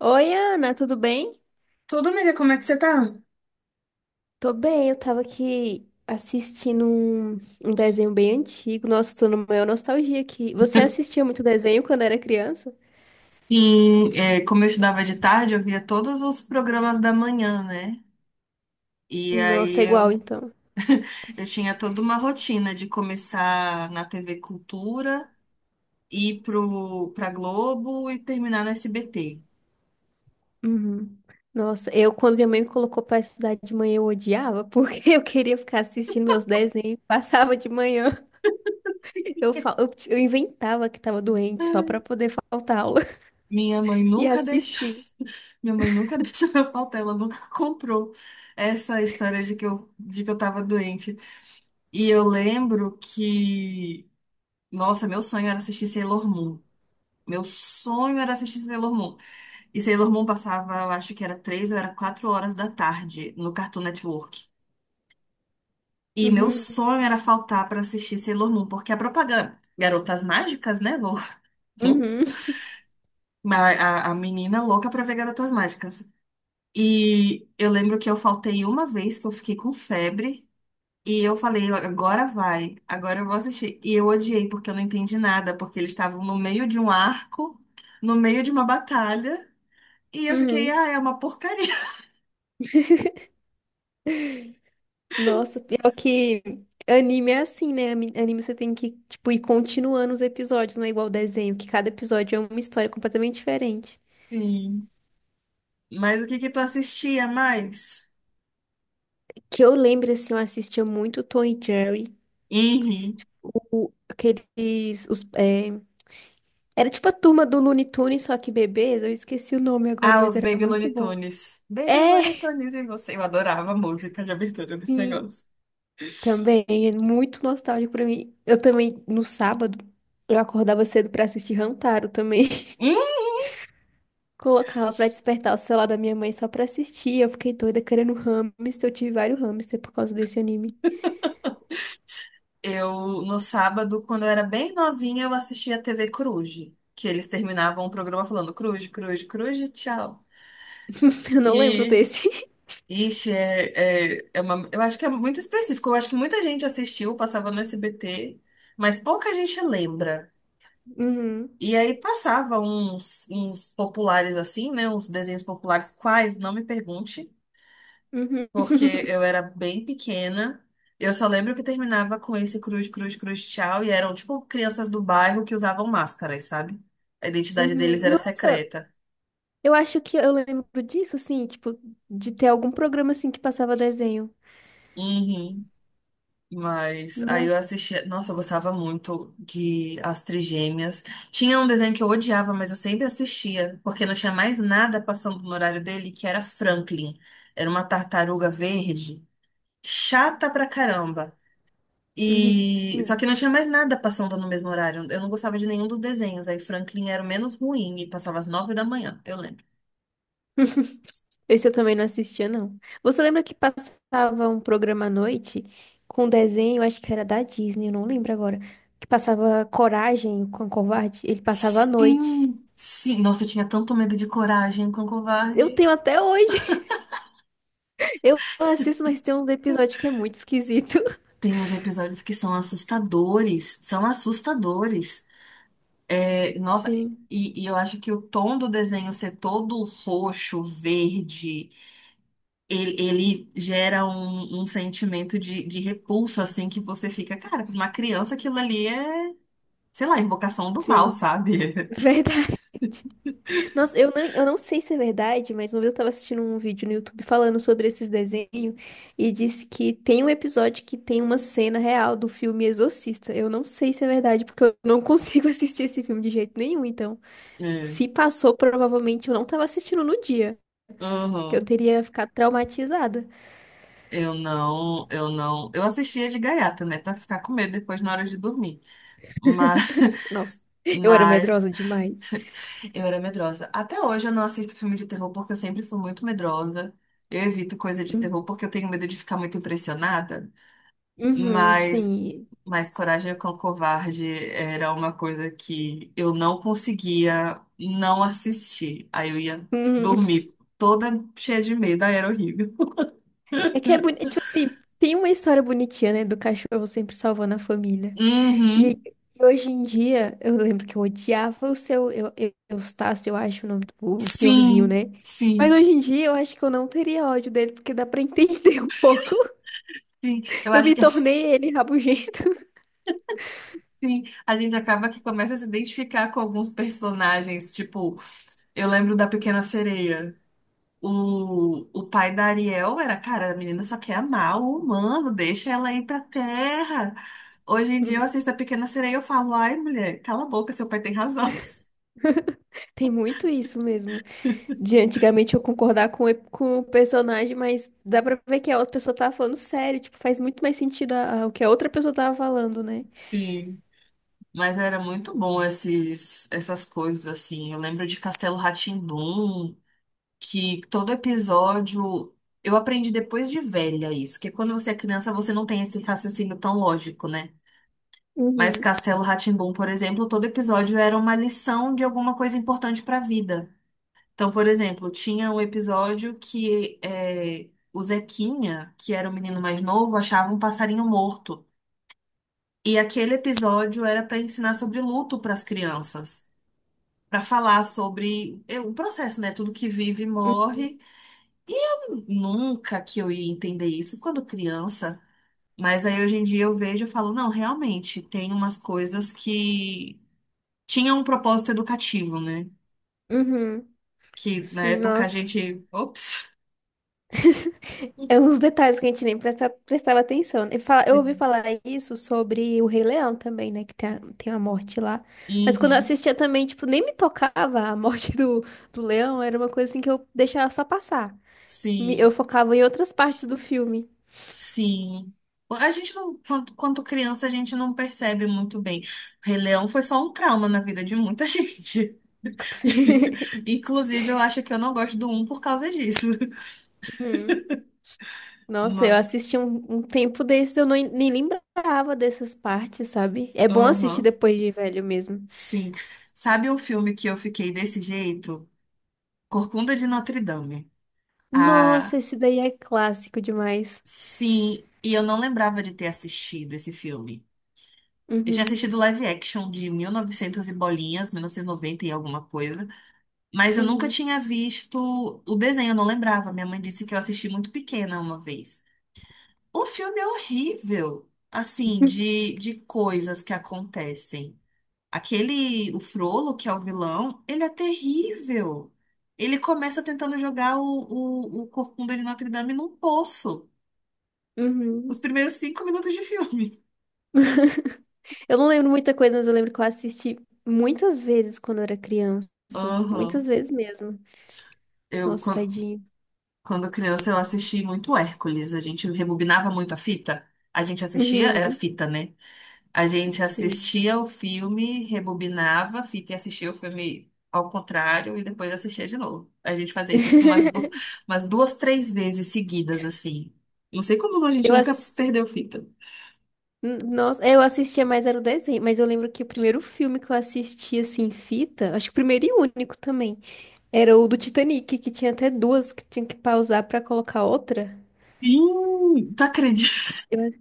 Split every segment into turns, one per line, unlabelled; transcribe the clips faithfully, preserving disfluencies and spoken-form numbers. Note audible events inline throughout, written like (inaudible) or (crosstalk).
Oi, Ana, tudo bem?
Tudo, amiga, como é que você tá?
Tô bem, eu tava aqui assistindo um, um desenho bem antigo. Nossa, tô numa maior nostalgia aqui. Você assistia muito desenho quando era criança?
Sim, é, como eu estudava de tarde, eu via todos os programas da manhã, né? E
Nossa,
aí
é
eu,
igual então.
eu tinha toda uma rotina de começar na T V Cultura, ir pro, pra Globo e terminar no S B T.
Uhum. Nossa, eu quando minha mãe me colocou pra estudar de manhã, eu odiava, porque (laughs) eu queria ficar assistindo meus desenhos, passava de manhã. Eu, fal- eu, eu inventava que tava doente só pra poder faltar aula
Minha mãe
(laughs) e
nunca deixou.
assistir.
(laughs) Minha mãe nunca (laughs) deixou eu faltar, ela nunca comprou essa história de que eu, de que eu tava doente. E eu lembro que, nossa, meu sonho era assistir Sailor Moon. Meu sonho era assistir Sailor Moon. E Sailor Moon passava, eu acho que era três ou era quatro horas da tarde no Cartoon Network. E meu
Uhum,
sonho era faltar para assistir Sailor Moon, porque a propaganda, Garotas Mágicas, né? Vou, (laughs) vou-
uhum,
a, a a menina louca pra ver Garotas Mágicas. E eu lembro que eu faltei uma vez que eu fiquei com febre. E eu falei, agora vai, agora eu vou assistir. E eu odiei, porque eu não entendi nada, porque eles estavam no meio de um arco, no meio de uma batalha. E eu fiquei,
uhum.
ah, é uma porcaria.
Nossa, pior que anime é assim, né? Ami- Anime você tem que, tipo, ir continuando os episódios, não é igual desenho, que cada episódio é uma história completamente diferente.
(laughs) Sim. Mas o que que tu assistia mais?
Que eu lembro, assim, eu assistia muito Tom e Jerry,
Uhum.
o, aqueles, os, é, era tipo a turma do Looney Tunes, só que bebês, eu esqueci o nome agora,
Ah,
mas
os
era
Baby
muito
Looney
bom.
Tunes. Baby
É,
Looney Tunes e você. Eu adorava a música de abertura desse
e
negócio.
também, é muito nostálgico pra mim. Eu também, no sábado, eu acordava cedo pra assistir Rantaro também.
Hum,
Colocava pra despertar o celular da minha mãe só pra assistir. Eu fiquei doida querendo hamster. Eu tive vários hamster por causa desse anime.
Eu, no sábado, quando eu era bem novinha, eu assistia a T V Cruz, que eles terminavam o programa falando Cruz, Cruz, Cruz, e tchau.
(laughs) Eu não lembro
E,
desse. (laughs)
Ixi, é, é, é uma, eu acho que é muito específico. Eu acho que muita gente assistiu, passava no S B T, mas pouca gente lembra.
Uhum,
E aí passava uns, uns populares assim, né? Uns desenhos populares, quais, não me pergunte,
uhum,
porque eu era bem pequena. Eu só lembro que terminava com esse cruz, cruz, cruz, tchau, e eram tipo crianças do bairro que usavam máscaras, sabe? A identidade deles
uhum.
era
Nossa,
secreta.
eu acho que eu lembro disso, assim, tipo, de ter algum programa assim que passava desenho.
Uhum. Mas aí
Nossa.
eu assistia. Nossa, eu gostava muito de As Trigêmeas. Tinha um desenho que eu odiava, mas eu sempre assistia, porque não tinha mais nada passando no horário dele, que era Franklin. Era uma tartaruga verde, chata pra caramba.
Uhum.
E só
Uhum.
que não tinha mais nada passando no mesmo horário. Eu não gostava de nenhum dos desenhos. Aí Franklin era o menos ruim e passava às nove da manhã, eu lembro.
(laughs) Esse eu também não assistia, não. Você lembra que passava um programa à noite com desenho, acho que era da Disney, eu não lembro agora, que passava Coragem com o Covarde? Ele passava à noite.
Sim, sim. Nossa, eu tinha tanto medo de Coragem com
Eu
Covarde.
tenho até hoje. (laughs) Eu assisto, mas tem um episódio que é muito esquisito.
Tem uns episódios que são assustadores, são assustadores. É, nossa,
Sim,
e, e eu acho que o tom do desenho ser todo roxo, verde, ele, ele gera um, um sentimento de, de repulso, assim, que você fica, cara, pra uma criança aquilo ali é, sei lá, invocação do mal,
sim.
sabe? (laughs)
Verdade. Nossa, eu não, eu não sei se é verdade, mas uma vez eu tava assistindo um vídeo no YouTube falando sobre esses desenhos e disse que tem um episódio que tem uma cena real do filme Exorcista. Eu não sei se é verdade, porque eu não consigo (laughs) assistir esse filme de jeito nenhum. Então,
É.
se passou, provavelmente eu não tava assistindo no dia, que eu
Uhum.
teria ficado traumatizada.
Eu não, eu não. Eu assistia de gaiata, né, pra ficar com medo depois na hora de dormir. Mas. (laughs)
Nossa, (laughs) eu era
Mas
medrosa demais.
eu era medrosa. Até hoje eu não assisto filme de terror porque eu sempre fui muito medrosa. Eu evito coisa de
Hum.
terror porque eu tenho medo de ficar muito impressionada.
Uhum,
Mas,
sim.
mas Coragem com o Covarde era uma coisa que eu não conseguia não assistir. Aí eu ia
Uhum.
dormir toda cheia de medo. Aí era horrível.
É que é bonito.
(laughs)
Tipo assim, tem uma história bonitinha, né? Do cachorro sempre salvando a família. E aí,
Uhum.
hoje em dia, eu lembro que eu odiava o seu eu, eu, Eustácio, eu acho o nome do o senhorzinho,
Sim,
né? Mas
sim,
hoje em dia eu acho que eu não teria ódio dele, porque dá pra entender (laughs) um pouco.
sim. Eu
Eu
acho
me
que sim,
tornei ele rabugento.
a gente acaba que começa a se identificar com alguns personagens, tipo, eu lembro da Pequena Sereia. O, o pai da Ariel era, cara, a menina só quer amar o humano, deixa ela ir pra terra. Hoje em dia eu
(laughs)
assisto a Pequena Sereia e eu falo, ai, mulher, cala a boca, seu pai tem razão. (laughs)
Tem muito isso mesmo. De antigamente eu concordar com, o ep- com o personagem, mas dá pra ver que a outra pessoa tava falando sério. Tipo, faz muito mais sentido a- a- o que a outra pessoa tava falando, né?
Sim. Mas era muito bom esses, essas coisas, assim. Eu lembro de Castelo Rá que todo episódio. Eu aprendi depois de velha isso, que quando você é criança você não tem esse raciocínio tão lógico, né? Mas
Uhum.
Castelo Rá por exemplo, todo episódio era uma lição de alguma coisa importante para a vida. Então, por exemplo, tinha um episódio que é, o Zequinha, que era o menino mais novo, achava um passarinho morto. E aquele episódio era para ensinar sobre luto para as crianças, para falar sobre é, o processo, né? Tudo que vive
Uhum.
morre. E eu nunca que eu ia entender isso quando criança. Mas aí hoje em dia eu vejo e falo, não, realmente, tem umas coisas que tinha um propósito educativo, né?
Uhum.
Que na
Sim,
época a
nossa.
gente. Ops!
É uns detalhes que a gente nem presta, prestava atenção, né? Fala- Eu ouvi falar isso sobre o Rei Leão também, né? Que tem a, tem a morte lá. Mas quando eu
Uhum.
assistia também, tipo, nem me tocava a morte do, do leão. Era uma coisa assim que eu deixava só passar. Me- Eu
Sim,
focava em outras partes do filme.
sim. A gente não, quanto, quanto criança, a gente não percebe muito bem. Rei Leão foi só um trauma na vida de muita gente. (laughs) Inclusive, eu acho que eu não gosto do um por causa disso.
(laughs) Nossa, eu
Ma-
assisti um, um tempo desses, eu não, nem lembrava dessas partes, sabe? É bom assistir
Aham,
depois de velho mesmo.
sim. Sabe um filme que eu fiquei desse jeito? Corcunda de Notre Dame. Ah,
Nossa, esse daí é clássico demais.
sim. E eu não lembrava de ter assistido esse filme. Eu tinha
Uhum,
assistido live action de mil e novecentos e novecentos e bolinhas, mil novecentos e noventa e noventa e alguma coisa, mas eu nunca
uhum,
tinha visto o desenho, eu não lembrava. Minha mãe disse que eu assisti muito pequena uma vez. O filme é horrível, assim, de, de coisas que acontecem. Aquele, o Frollo, que é o vilão, ele é terrível. Ele começa tentando jogar o, o, o corcunda de Notre Dame num poço. Os
uhum.
primeiros cinco minutos de filme.
(laughs) Eu não lembro muita coisa, mas eu lembro que eu assisti muitas vezes quando eu era criança.
(laughs) Aham.
Muitas vezes mesmo.
Eu,
Nossa, tadinho.
Quando criança, eu assisti muito Hércules. A gente rebobinava muito a fita. A gente assistia, era
Uhum,
fita, né? A gente
sim.
assistia o filme, rebobinava a fita e assistia o filme ao contrário e depois assistia de novo. A gente fazia isso, tipo, umas, du-
(laughs)
umas duas, três vezes seguidas, assim. Não sei como a gente
Eu
nunca
assisti.
perdeu fita.
N- Nossa, eu assistia mais era o desenho, mas eu lembro que o primeiro filme que eu assisti assim em fita, acho que o primeiro e único também, era o do Titanic, que tinha até duas que tinha que pausar pra colocar outra.
Ih, tu acredita? (laughs)
Eu-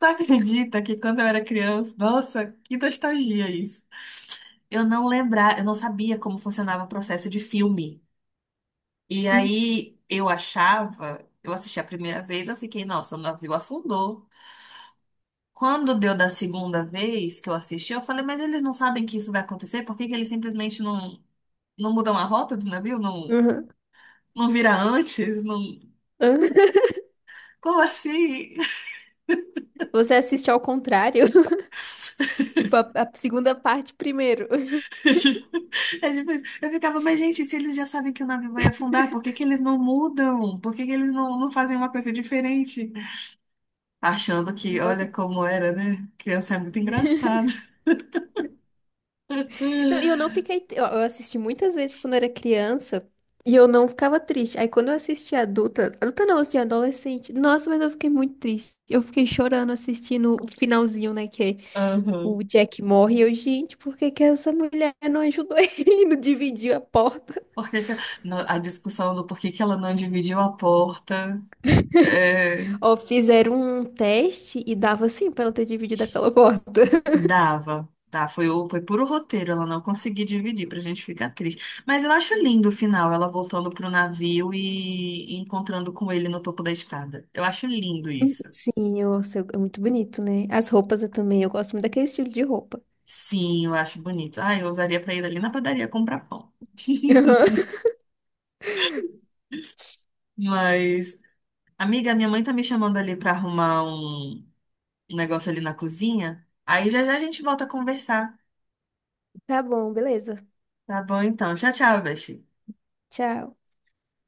Tu acredita que quando eu era criança, nossa, que nostalgia isso. Eu não lembrava, eu não sabia como funcionava o processo de filme. E
Hum.
aí eu achava, eu assisti a primeira vez, eu fiquei, nossa, o navio afundou. Quando deu da segunda vez que eu assisti, eu falei, mas eles não sabem que isso vai acontecer? Por que que eles simplesmente não, não mudam a rota do navio? Não,
Uhum.
não vira antes? Não.
(laughs)
Como assim?
Você assiste ao contrário, (laughs) tipo a, a segunda parte primeiro.
(laughs) É tipo isso. Eu ficava, mas gente, se eles já sabem que o navio vai afundar, por que que eles não mudam? Por que que eles não, não fazem uma coisa diferente? Achando que,
Nossa.
olha como era, né? Criança é muito engraçada.
Não, e eu não
(laughs)
fiquei, eu eu assisti muitas vezes quando era criança e eu não ficava triste. Aí quando eu assisti adulta, adulta não, assim, adolescente. Nossa, mas eu fiquei muito triste. Eu fiquei chorando assistindo o finalzinho, né, que é o
Aham.
Jack morre e eu, gente, por que que essa mulher não ajudou ele, (laughs) não dividiu a porta?
Por que que- no- A discussão do porquê que que ela não dividiu a porta é,
Ó, fizeram um teste e dava assim pra ela ter dividido aquela porta. (laughs)
dava. Tá, foi, o- foi puro roteiro, ela não conseguiu dividir pra gente ficar triste. Mas eu acho lindo o final, ela voltando pro navio e encontrando com ele no topo da escada. Eu acho lindo isso.
Sim, eu, eu- é muito bonito, né? As roupas eu também, eu gosto muito daquele estilo de roupa.
Sim, eu acho bonito. Ah, eu usaria pra ir ali na padaria comprar pão. (laughs)
(laughs)
Mas, amiga, minha mãe tá me chamando ali pra arrumar um um negócio ali na cozinha. Aí já já a gente volta a conversar.
Tá bom, beleza.
Tá bom, então. Tchau, tchau, Beth.
Tchau.